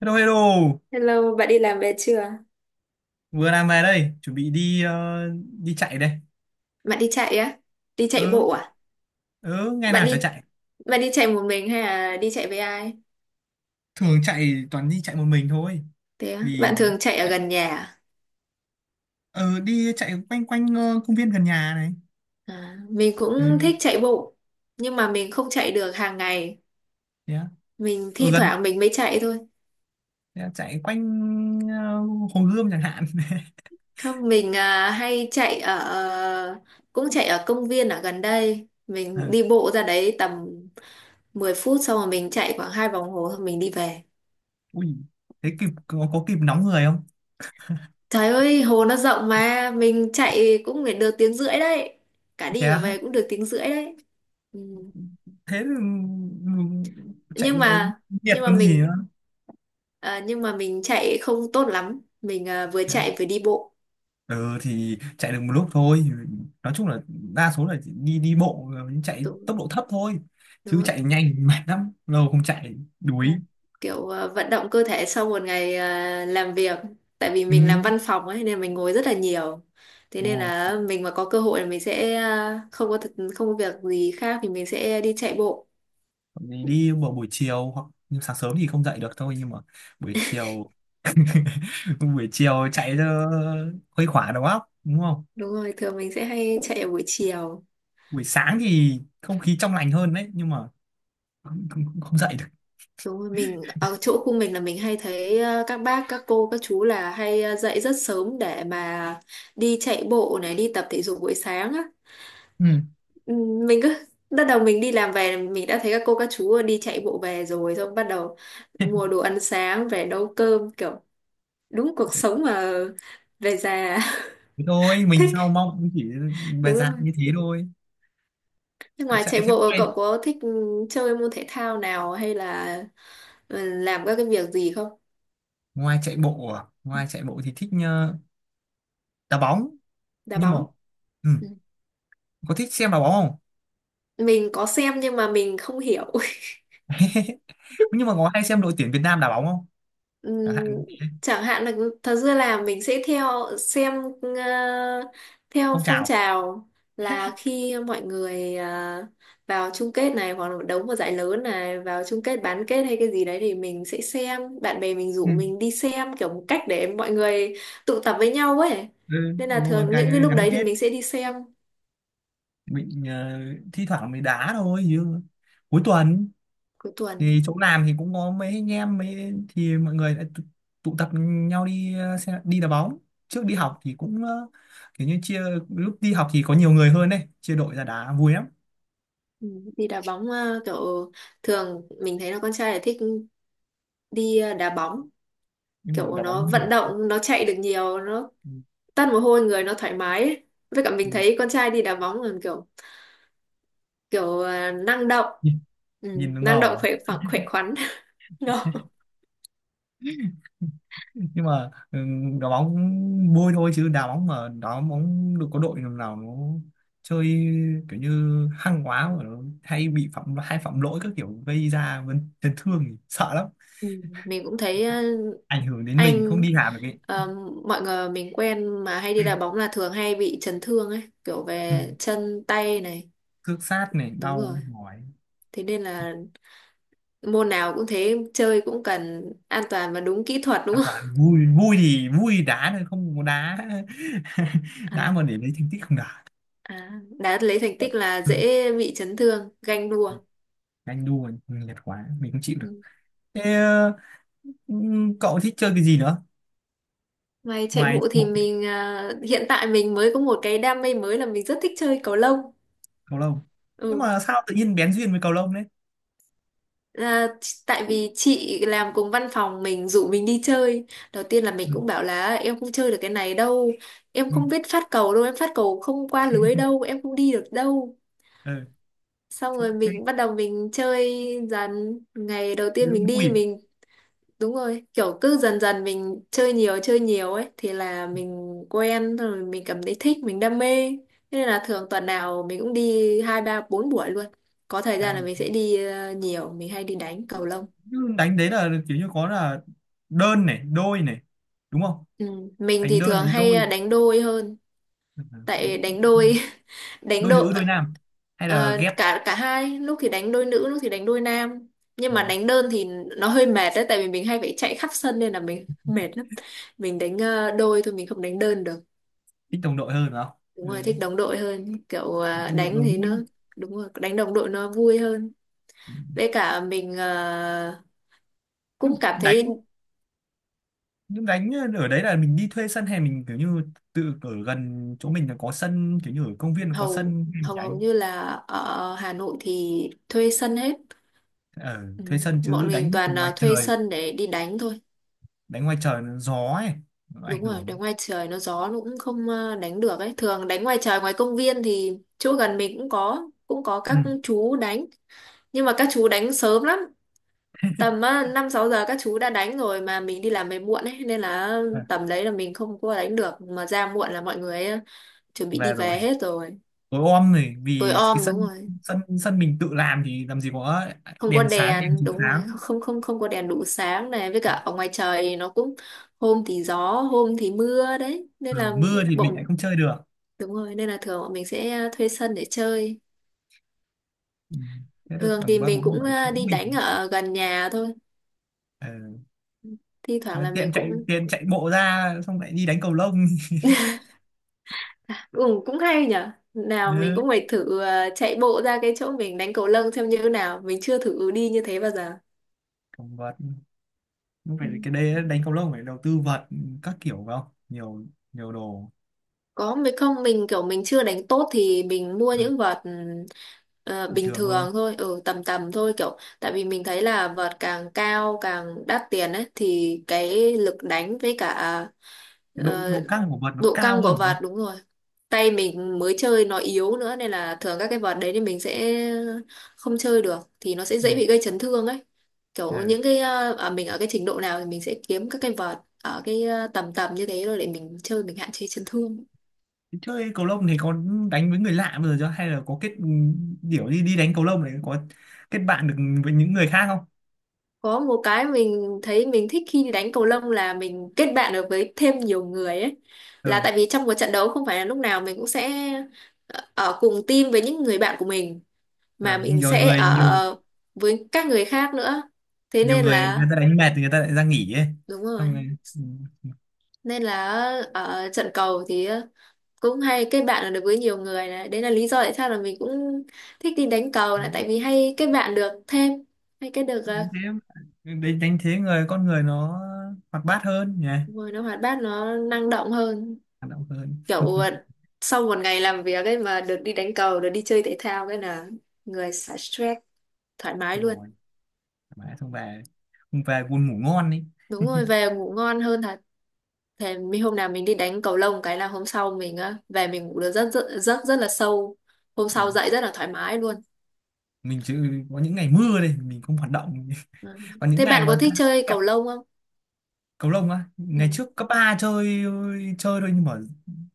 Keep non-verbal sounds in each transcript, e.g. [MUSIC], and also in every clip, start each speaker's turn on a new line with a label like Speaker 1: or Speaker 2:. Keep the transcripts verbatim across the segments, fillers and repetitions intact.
Speaker 1: Hello, hello.
Speaker 2: Hello, bạn đi làm về chưa?
Speaker 1: Vừa làm về đây, chuẩn bị đi ờ, đi chạy đây.
Speaker 2: Bạn đi chạy á? Đi chạy
Speaker 1: Ừ,
Speaker 2: bộ à?
Speaker 1: ừ, ngày
Speaker 2: Bạn
Speaker 1: nào chả
Speaker 2: đi
Speaker 1: chạy.
Speaker 2: bạn đi chạy một mình hay là đi chạy với ai?
Speaker 1: Thường chạy toàn đi chạy một mình thôi.
Speaker 2: Thế á?
Speaker 1: Vì
Speaker 2: Bạn thường chạy ở
Speaker 1: chạy-
Speaker 2: gần nhà à?
Speaker 1: ừ, đi chạy quanh quanh ờ, công viên gần nhà này.
Speaker 2: À, mình
Speaker 1: Ừ,
Speaker 2: cũng thích chạy bộ, nhưng mà mình không chạy được hàng ngày.
Speaker 1: thế á.
Speaker 2: Mình thi
Speaker 1: Ừ, gần
Speaker 2: thoảng mình mới chạy thôi.
Speaker 1: thế á, chạy quanh ờ, Hồ Gươm chẳng hạn. [LAUGHS]
Speaker 2: Không, mình à, hay chạy ở ờ, cũng chạy ở công viên ở gần đây.
Speaker 1: Ờ,
Speaker 2: Mình đi bộ ra đấy tầm mười phút xong rồi mình chạy khoảng hai vòng hồ xong mình đi về.
Speaker 1: ui, thế kịp có, có kịp nóng người không?
Speaker 2: Trời ơi, hồ nó rộng mà, mình chạy cũng phải được tiếng rưỡi đấy. Cả
Speaker 1: Thế
Speaker 2: đi cả
Speaker 1: á.
Speaker 2: về cũng được tiếng rưỡi đấy. Ừ.
Speaker 1: Thế thì, ừ, chạy
Speaker 2: Nhưng
Speaker 1: ờ,
Speaker 2: mà
Speaker 1: nhiệt
Speaker 2: nhưng mà
Speaker 1: còn gì
Speaker 2: mình
Speaker 1: nữa.
Speaker 2: à, nhưng mà mình chạy không tốt lắm. Mình à, vừa chạy vừa đi bộ.
Speaker 1: Ừ, thì chạy được một lúc thôi. Nói chung là đa số là đi đi bộ, ờ, chạy
Speaker 2: Đúng,
Speaker 1: tốc độ thấp thôi,
Speaker 2: đúng
Speaker 1: chứ
Speaker 2: rồi.
Speaker 1: chạy nhanh mệt lắm, lâu không chạy
Speaker 2: Là
Speaker 1: đuối.
Speaker 2: Kiểu à, vận động cơ thể sau một ngày à, làm việc. Tại vì
Speaker 1: Ừ,
Speaker 2: mình làm văn phòng ấy nên mình ngồi rất là nhiều. Thế
Speaker 1: đúng
Speaker 2: nên
Speaker 1: rồi.
Speaker 2: là mình mà có cơ hội là mình sẽ à, không có thật, không có việc gì khác thì mình sẽ đi chạy bộ.
Speaker 1: Còn thì đi vào buổi chiều, hoặc nhưng sáng sớm thì không dậy được thôi, nhưng mà buổi chiều. [LAUGHS] Buổi chiều chạy cho khuây khỏa đầu óc, đúng không?
Speaker 2: Đúng rồi, thường mình sẽ hay chạy ở buổi chiều.
Speaker 1: Buổi sáng thì không khí trong lành hơn đấy, nhưng mà không, không dậy được.
Speaker 2: Đúng rồi, mình ở chỗ khu mình là mình hay thấy ờ, các bác, các cô, các chú là hay ờ, dậy rất sớm để mà đi chạy bộ này, đi tập thể dục buổi sáng á.
Speaker 1: Ừ.
Speaker 2: Ừ, mình cứ [LAUGHS] bắt đầu mình đi làm về mình đã thấy các cô các chú đi chạy bộ về rồi xong bắt đầu mua
Speaker 1: [LAUGHS]
Speaker 2: đồ ăn sáng về nấu cơm kiểu đúng cuộc sống mà về già
Speaker 1: Thế thôi
Speaker 2: [LAUGHS]
Speaker 1: mình sau
Speaker 2: thích
Speaker 1: mong cũng chỉ bài
Speaker 2: đúng
Speaker 1: dạng
Speaker 2: không?
Speaker 1: như thế thôi,
Speaker 2: Nhưng
Speaker 1: cứ
Speaker 2: ngoài
Speaker 1: chạy
Speaker 2: chạy
Speaker 1: thế
Speaker 2: bộ
Speaker 1: này.
Speaker 2: cậu có thích ừ, chơi môn thể thao nào hay là ừ, làm các cái việc gì không?
Speaker 1: Ngoài chạy bộ à? Ngoài chạy bộ thì thích ờ, đá bóng.
Speaker 2: Đá
Speaker 1: Nhưng mà
Speaker 2: bóng.
Speaker 1: ừ, có thích xem đá bóng không?
Speaker 2: Mình có xem nhưng mà mình không hiểu. [LAUGHS]
Speaker 1: [LAUGHS] Nhưng mà có hay xem đội tuyển Việt Nam đá bóng không, chẳng hạn?
Speaker 2: Ừm, chẳng hạn là thật ra là mình sẽ theo xem ờ, theo
Speaker 1: Phong
Speaker 2: phong
Speaker 1: trào.
Speaker 2: trào là khi mọi người ờ, vào chung kết này hoặc là đấu một giải lớn này vào chung kết bán kết hay cái gì đấy thì mình sẽ xem, bạn bè mình
Speaker 1: Ừ.
Speaker 2: rủ mình đi xem kiểu một cách để mọi người tụ tập với nhau ấy,
Speaker 1: Ừ,
Speaker 2: nên là
Speaker 1: đúng rồi,
Speaker 2: thường những cái
Speaker 1: càng
Speaker 2: lúc
Speaker 1: gắn
Speaker 2: đấy thì
Speaker 1: kết.
Speaker 2: mình sẽ đi xem.
Speaker 1: Mình ờ, thi thoảng mình đá thôi chứ cuối tuần.
Speaker 2: Cuối tuần.
Speaker 1: Thì chỗ làm thì cũng có mấy anh em mấy thì mọi người lại tụ, tụ tập nhau đi ờ, xe, đi đá bóng. Trước đi
Speaker 2: Ừm,
Speaker 1: học thì cũng ờ, kiểu như chia. Lúc đi học thì có nhiều người hơn đấy, chia đội ra đá vui lắm.
Speaker 2: ừm, đi đá bóng ờ, kiểu thường mình thấy là con trai là thích đi ờ, đá bóng,
Speaker 1: Nhưng mà
Speaker 2: kiểu
Speaker 1: đá bóng
Speaker 2: nó
Speaker 1: cũng nhỉ.
Speaker 2: vận động nó chạy được nhiều, nó
Speaker 1: Ừ.
Speaker 2: tăn mồ hôi người nó thoải mái ấy. Với cả mình
Speaker 1: Ừ.
Speaker 2: thấy con trai đi đá bóng là kiểu kiểu ờ, năng động. ừ,
Speaker 1: Nhìn
Speaker 2: Năng động
Speaker 1: ngầu
Speaker 2: khỏe
Speaker 1: à.
Speaker 2: phẳng khỏe khoắn. [LAUGHS] Đó.
Speaker 1: [LAUGHS] Nhưng mà ừ, đá bóng vui thôi, chứ đá bóng mà đá bóng được có đội nào nào nó chơi kiểu như hăng quá mà nó hay bị phạm hay phạm lỗi các kiểu gây ra vấn- chấn thương thì sợ lắm.
Speaker 2: Ừ, mình cũng thấy ờ,
Speaker 1: Ảnh hưởng đến mình không
Speaker 2: anh
Speaker 1: đi làm được ấy.
Speaker 2: ờ, mọi người mình quen mà hay đi đá bóng là thường hay bị chấn thương ấy, kiểu
Speaker 1: Ừ.
Speaker 2: về chân tay này.
Speaker 1: Cước sát này
Speaker 2: Đúng rồi,
Speaker 1: đau mỏi.
Speaker 2: thế nên là môn nào cũng thế, chơi cũng cần an toàn và đúng kỹ thuật đúng
Speaker 1: An
Speaker 2: không.
Speaker 1: toàn, vui vui thì vui đá thôi, không có đá. [LAUGHS]
Speaker 2: [LAUGHS]
Speaker 1: Đá
Speaker 2: À.
Speaker 1: mà để lấy thành tích không đá.
Speaker 2: À, đã lấy thành tích là
Speaker 1: Ừ.
Speaker 2: dễ bị chấn thương, ganh đua.
Speaker 1: Anh đua nhạt quá mình không chịu
Speaker 2: Ừ.
Speaker 1: được. Thế, ừ, cậu thích chơi cái gì nữa?
Speaker 2: Ngoài chạy
Speaker 1: Ngoài
Speaker 2: bộ thì
Speaker 1: bộ.
Speaker 2: mình à, hiện tại mình mới có một cái đam mê mới là mình rất thích chơi cầu lông.
Speaker 1: Cầu lông. Nhưng
Speaker 2: Ừ.
Speaker 1: mà sao tự nhiên bén duyên với cầu lông đấy?
Speaker 2: À, ch- tại vì chị làm cùng văn phòng mình rủ mình đi chơi. Đầu tiên là mình
Speaker 1: Ừ,
Speaker 2: cũng bảo là em không chơi được cái này đâu, em
Speaker 1: ừ,
Speaker 2: không biết phát cầu đâu, em phát cầu không qua lưới đâu, em không đi được đâu.
Speaker 1: ừ.
Speaker 2: Xong rồi
Speaker 1: thế
Speaker 2: mình bắt đầu mình chơi dần. Ngày đầu
Speaker 1: thế
Speaker 2: tiên mình
Speaker 1: cũng vui.
Speaker 2: đi mình đúng rồi, kiểu cứ dần dần mình chơi nhiều chơi nhiều ấy thì là mình quen rồi, mình cảm thấy thích, mình đam mê. Thế nên là thường tuần nào mình cũng đi hai ba bốn buổi luôn. Có thời
Speaker 1: À,
Speaker 2: gian là
Speaker 1: mà
Speaker 2: mình sẽ đi ờ, nhiều, mình hay đi đánh cầu lông.
Speaker 1: cứ đánh đấy là kiểu như có là đơn này đôi này, đúng không?
Speaker 2: Ừ. Mình
Speaker 1: Đánh
Speaker 2: thì
Speaker 1: đơn
Speaker 2: thường
Speaker 1: đánh
Speaker 2: hay ờ,
Speaker 1: đôi.
Speaker 2: đánh đôi hơn,
Speaker 1: Ừ,
Speaker 2: tại
Speaker 1: đánh
Speaker 2: đánh đôi [LAUGHS] đánh
Speaker 1: đôi nữ
Speaker 2: đôi
Speaker 1: đôi nam hay là
Speaker 2: ờ,
Speaker 1: ghép.
Speaker 2: cả cả hai, lúc thì đánh đôi nữ, lúc thì đánh đôi nam. Nhưng
Speaker 1: Ừ.
Speaker 2: mà đánh đơn thì nó hơi mệt đấy, tại vì mình hay phải chạy khắp sân nên là mình [LAUGHS] mệt lắm. Mình đánh ờ, đôi thôi, mình không đánh đơn được.
Speaker 1: Thích đồng đội hơn phải không?
Speaker 2: Đúng rồi,
Speaker 1: Ừ.
Speaker 2: thích đồng đội hơn, kiểu
Speaker 1: Đánh
Speaker 2: à,
Speaker 1: đồng đội
Speaker 2: đánh
Speaker 1: nó
Speaker 2: thì
Speaker 1: vui.
Speaker 2: nó đúng rồi, đánh đồng đội nó vui hơn.
Speaker 1: Ừ.
Speaker 2: Với cả mình à, cũng
Speaker 1: nhưng
Speaker 2: cảm
Speaker 1: đánh
Speaker 2: thấy
Speaker 1: nhưng đánh ở đấy là mình đi thuê sân hay mình kiểu như tự ở gần chỗ mình là có sân, kiểu như ở công viên là có
Speaker 2: hầu
Speaker 1: sân mình
Speaker 2: hầu hầu
Speaker 1: đánh.
Speaker 2: như là ở Hà Nội thì thuê sân hết.
Speaker 1: Ở
Speaker 2: Ừ,
Speaker 1: thuê sân
Speaker 2: bọn
Speaker 1: chứ
Speaker 2: mình
Speaker 1: đánh
Speaker 2: toàn là
Speaker 1: ngoài
Speaker 2: thuê
Speaker 1: trời.
Speaker 2: sân để đi đánh thôi.
Speaker 1: Đấy ngoài trời nó gió ấy, nó ảnh
Speaker 2: Đúng rồi,
Speaker 1: hưởng.
Speaker 2: đánh ngoài trời nó gió, nó cũng không à, đánh được ấy. Thường đánh ngoài trời ngoài công viên thì chỗ gần mình cũng có, cũng có
Speaker 1: Ừ.
Speaker 2: các chú đánh, nhưng mà các chú đánh sớm lắm, tầm á, năm sáu giờ các chú đã đánh rồi mà mình đi làm về muộn ấy, nên là
Speaker 1: À,
Speaker 2: tầm đấy là mình không có đánh được, mà ra muộn là mọi người ấy, chuẩn bị đi
Speaker 1: về rồi,
Speaker 2: về hết rồi.
Speaker 1: tối om này.
Speaker 2: Tối
Speaker 1: Vì cái
Speaker 2: om đúng
Speaker 1: sân
Speaker 2: rồi,
Speaker 1: sân sân mình tự làm thì làm gì có
Speaker 2: không có
Speaker 1: đèn sáng đèn
Speaker 2: đèn
Speaker 1: chiếu
Speaker 2: đúng rồi,
Speaker 1: sáng.
Speaker 2: không không không không có đèn đủ sáng này, với cả ở ngoài trời thì nó cũng hôm thì gió hôm thì mưa đấy nên
Speaker 1: Ừ,
Speaker 2: là
Speaker 1: mưa thì mình lại
Speaker 2: bọn
Speaker 1: không chơi được.
Speaker 2: đúng rồi, nên là thường bọn mình sẽ thuê sân để chơi.
Speaker 1: Ừ. Thế là
Speaker 2: Thường thì
Speaker 1: còn ba
Speaker 2: mình
Speaker 1: bốn
Speaker 2: cũng
Speaker 1: buổi
Speaker 2: ờ,
Speaker 1: cũng
Speaker 2: đi đánh
Speaker 1: mình.
Speaker 2: ở gần nhà thôi,
Speaker 1: Ừ.
Speaker 2: thi thoảng là mình
Speaker 1: Tiện chạy
Speaker 2: cũng
Speaker 1: tiện chạy bộ ra xong lại đi đánh cầu lông. [LAUGHS]
Speaker 2: ừ, cũng hay nhở. Nào mình
Speaker 1: Ừ.
Speaker 2: cũng phải thử ờ, chạy bộ ra cái chỗ mình đánh cầu lông xem như thế nào. Mình chưa thử đi như thế bao giờ.
Speaker 1: Còn vật, không
Speaker 2: Ừ.
Speaker 1: phải cái đây đánh cầu lông phải đầu tư vật các kiểu phải không, nhiều nhiều đồ.
Speaker 2: Có mình không, mình kiểu mình chưa đánh tốt thì mình mua
Speaker 1: Ừ.
Speaker 2: những vợt ừm, ờ,
Speaker 1: Bình
Speaker 2: bình
Speaker 1: thường thôi.
Speaker 2: thường thôi, ừ, tầm tầm thôi, kiểu tại vì mình thấy là vợt càng cao càng đắt tiền ấy thì cái lực đánh với cả
Speaker 1: Cái độ
Speaker 2: ờ,
Speaker 1: độ căng của vật nó
Speaker 2: độ
Speaker 1: cao
Speaker 2: căng
Speaker 1: hơn
Speaker 2: của
Speaker 1: phải
Speaker 2: vợt
Speaker 1: không?
Speaker 2: đúng rồi, tay mình mới chơi nó yếu nữa nên là thường các cái vợt đấy thì mình sẽ không chơi được, thì nó sẽ
Speaker 1: Ừ.
Speaker 2: dễ bị gây chấn thương ấy, kiểu
Speaker 1: Ừ.
Speaker 2: những cái ờ, ở mình ở cái trình độ nào thì mình sẽ kiếm các cái vợt ở cái ờ, tầm tầm như thế rồi để mình chơi, mình hạn chế chấn thương.
Speaker 1: Chơi cầu lông thì có đánh với người lạ bao giờ chưa, hay là có kết điểu đi đi đánh cầu lông để có kết bạn được với những người khác không?
Speaker 2: Có một cái mình thấy mình thích khi đi đánh cầu lông là mình kết bạn được với thêm nhiều người ấy, là
Speaker 1: Ừ,
Speaker 2: tại vì trong một trận đấu không phải là lúc nào mình cũng sẽ ờ, ở cùng team với những người bạn của mình mà
Speaker 1: ừ.
Speaker 2: mình
Speaker 1: Nhiều
Speaker 2: sẽ
Speaker 1: người nhiều
Speaker 2: ở với các người khác nữa, thế
Speaker 1: nhiều
Speaker 2: nên
Speaker 1: người người
Speaker 2: là
Speaker 1: ta đánh mệt thì người ta lại ra nghỉ ấy.
Speaker 2: đúng rồi,
Speaker 1: Xong rồi ừ.
Speaker 2: nên là ở trận cầu thì cũng hay kết bạn được với nhiều người này, đấy là lý do tại sao là mình cũng thích đi đánh cầu này,
Speaker 1: Đúng,
Speaker 2: tại vì hay kết bạn được thêm, hay kết được ờ,
Speaker 1: đánh thế đánh, đánh thế người con người nó hoạt bát hơn nhỉ.
Speaker 2: người nó hoạt bát nó năng động hơn,
Speaker 1: Hoạt động hơn.
Speaker 2: kiểu ờ, sau một ngày làm việc ấy mà được đi đánh cầu, được đi chơi thể thao cái là người xả stress thoải
Speaker 1: [LAUGHS]
Speaker 2: mái
Speaker 1: Đúng
Speaker 2: luôn.
Speaker 1: rồi mà xong về không, về buồn ngủ ngon đi.
Speaker 2: Đúng rồi về ngủ ngon hơn thật. Thế mình hôm nào mình đi đánh cầu lông cái là hôm sau mình á về mình ngủ được rất rất rất rất là sâu. Hôm sau
Speaker 1: Ừ.
Speaker 2: dậy rất là thoải mái luôn.
Speaker 1: Mình chứ có những ngày mưa đây mình không hoạt động. [LAUGHS]
Speaker 2: Ừ.
Speaker 1: Còn những
Speaker 2: Thế bạn
Speaker 1: ngày
Speaker 2: có
Speaker 1: mà
Speaker 2: thích chơi cầu lông không?
Speaker 1: cầu lông á, ngày
Speaker 2: Ừ.
Speaker 1: trước cấp ba chơi chơi thôi, nhưng mà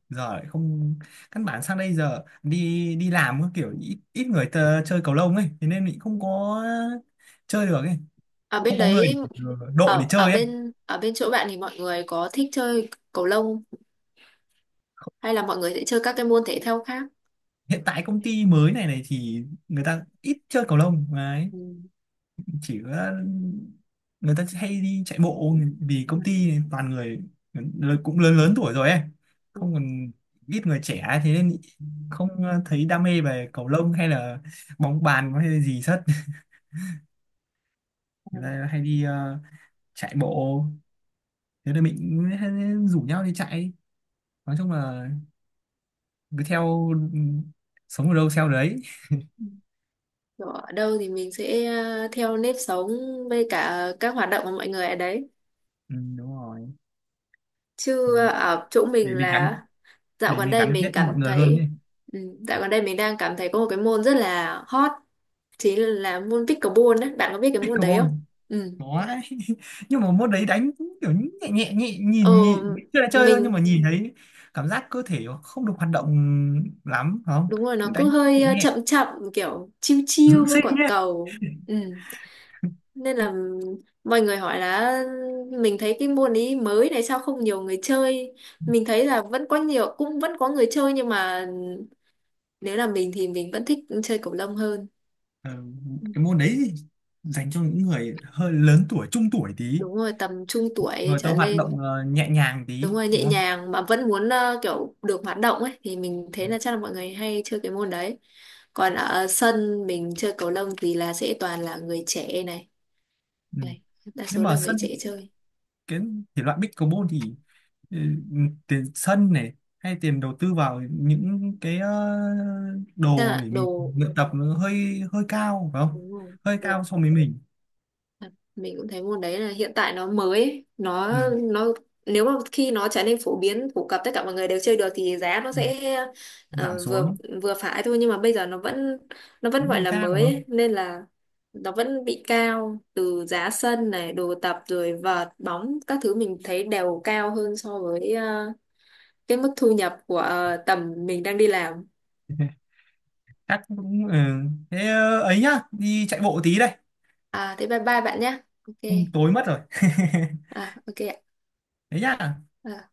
Speaker 1: giờ lại không. Căn bản sang đây giờ đi đi làm có kiểu ít, ít người tờ, chơi cầu lông ấy, thế nên mình không có chơi được ấy.
Speaker 2: Ở bên
Speaker 1: Không có người
Speaker 2: đấy,
Speaker 1: để, đội
Speaker 2: ở
Speaker 1: để
Speaker 2: ở
Speaker 1: chơi ấy.
Speaker 2: bên ở bên chỗ bạn thì mọi người có thích chơi cầu lông hay là mọi người sẽ chơi các cái môn thể thao khác?
Speaker 1: Hiện tại công ty mới này này thì người ta ít chơi cầu lông đấy.
Speaker 2: Ừ.
Speaker 1: Chỉ có người ta hay đi chạy bộ vì
Speaker 2: Ừ.
Speaker 1: công ty toàn người lớn- cũng lớn lớn tuổi rồi ấy.
Speaker 2: Ừ.
Speaker 1: Không còn ít người trẻ thế nên không ờ, thấy đam mê về cầu lông hay là bóng bàn hay là gì hết. [LAUGHS] Người
Speaker 2: Ừ.
Speaker 1: ta hay đi ờ, chạy bộ, thế nên mình cũng hay rủ nhau đi chạy. Nói chung là cứ theo ừ, sống ở đâu theo đấy.
Speaker 2: Kiểu ở đâu thì mình sẽ ờ, theo nếp sống với cả các hoạt động của mọi người ở đấy.
Speaker 1: Ừ, đúng rồi.
Speaker 2: Chứ
Speaker 1: Mình
Speaker 2: ở chỗ mình
Speaker 1: để mình
Speaker 2: là
Speaker 1: gắn
Speaker 2: dạo
Speaker 1: để
Speaker 2: gần
Speaker 1: mình
Speaker 2: đây
Speaker 1: gắn
Speaker 2: mình
Speaker 1: kết
Speaker 2: cảm
Speaker 1: mọi người hơn
Speaker 2: thấy
Speaker 1: ấy.
Speaker 2: ừ, dạo gần đây mình đang cảm thấy có một cái môn rất là hot, chính là môn pickleball đấy, bạn có biết cái môn đấy
Speaker 1: Pickleball.
Speaker 2: không? Ừ.
Speaker 1: Có đấy. [LAUGHS] Nhưng mà môn đấy đánh cũng kiểu nhẹ nhẹ nhẹ,
Speaker 2: ờ
Speaker 1: nhìn nhìn chưa là chơi thôi, nhưng
Speaker 2: mình
Speaker 1: mà nhìn thấy cảm giác cơ thể nó không được hoạt động lắm phải không?
Speaker 2: đúng rồi, nó cứ
Speaker 1: Đánh
Speaker 2: hơi
Speaker 1: nhẹ
Speaker 2: ờ,
Speaker 1: nhẹ
Speaker 2: chậm chậm, kiểu chiêu chiêu
Speaker 1: dưỡng
Speaker 2: với
Speaker 1: sinh
Speaker 2: quả
Speaker 1: nhé.
Speaker 2: cầu. Ừ. Nên là mọi người hỏi là mình thấy cái môn ấy mới này sao không nhiều người chơi, mình thấy là vẫn có nhiều, cũng vẫn có người chơi nhưng mà nếu là mình thì mình vẫn thích chơi cầu lông hơn.
Speaker 1: Ờ,
Speaker 2: Ừ,
Speaker 1: cái môn đấy thì dành cho những người hơi lớn tuổi trung tuổi tí.
Speaker 2: đúng rồi tầm trung tuổi
Speaker 1: Người ta
Speaker 2: trở
Speaker 1: hoạt động
Speaker 2: lên.
Speaker 1: ờ, nhẹ nhàng
Speaker 2: Đúng
Speaker 1: tí
Speaker 2: rồi, nhẹ
Speaker 1: đúng không?
Speaker 2: nhàng mà vẫn muốn ờ, kiểu được hoạt động ấy, thì mình thấy là chắc là mọi người hay chơi cái môn đấy. Còn ở sân mình chơi cầu lông thì là sẽ toàn là người trẻ này.
Speaker 1: Ừ.
Speaker 2: Này, đa
Speaker 1: Nhưng
Speaker 2: số
Speaker 1: mà
Speaker 2: là người
Speaker 1: sân,
Speaker 2: trẻ chơi.
Speaker 1: cái thể loại pickleball thì ừ, tiền sân này hay tiền đầu tư vào những cái ờ,
Speaker 2: Chắc
Speaker 1: đồ
Speaker 2: là
Speaker 1: để mình
Speaker 2: đồ
Speaker 1: luyện tập nó hơi hơi cao phải không?
Speaker 2: đúng rồi,
Speaker 1: Hơi
Speaker 2: đồ
Speaker 1: cao so với mình.
Speaker 2: mình cũng thấy môn đấy là hiện tại nó mới ấy. Nó
Speaker 1: Ừ.
Speaker 2: nó nếu mà khi nó trở nên phổ biến phổ cập tất cả mọi người đều chơi được thì giá nó
Speaker 1: Ừ,
Speaker 2: sẽ
Speaker 1: giảm
Speaker 2: ờ, vừa
Speaker 1: xuống.
Speaker 2: vừa phải thôi, nhưng mà bây giờ nó vẫn nó vẫn
Speaker 1: Vẫn
Speaker 2: gọi
Speaker 1: còn
Speaker 2: là
Speaker 1: cao
Speaker 2: mới
Speaker 1: phải
Speaker 2: ấy,
Speaker 1: không?
Speaker 2: nên là nó vẫn bị cao từ giá sân này, đồ tập rồi vợt bóng các thứ mình thấy đều cao hơn so với ờ, cái mức thu nhập của ờ, tầm mình đang đi làm.
Speaker 1: [LAUGHS] Chắc cũng ừ. Thế ờ, ấy nhá, đi chạy bộ tí đây.
Speaker 2: À thế bye bye bạn nhé, ok.
Speaker 1: Ừ, tối mất rồi. [LAUGHS]
Speaker 2: À ok ạ.
Speaker 1: Thế nhá.
Speaker 2: À.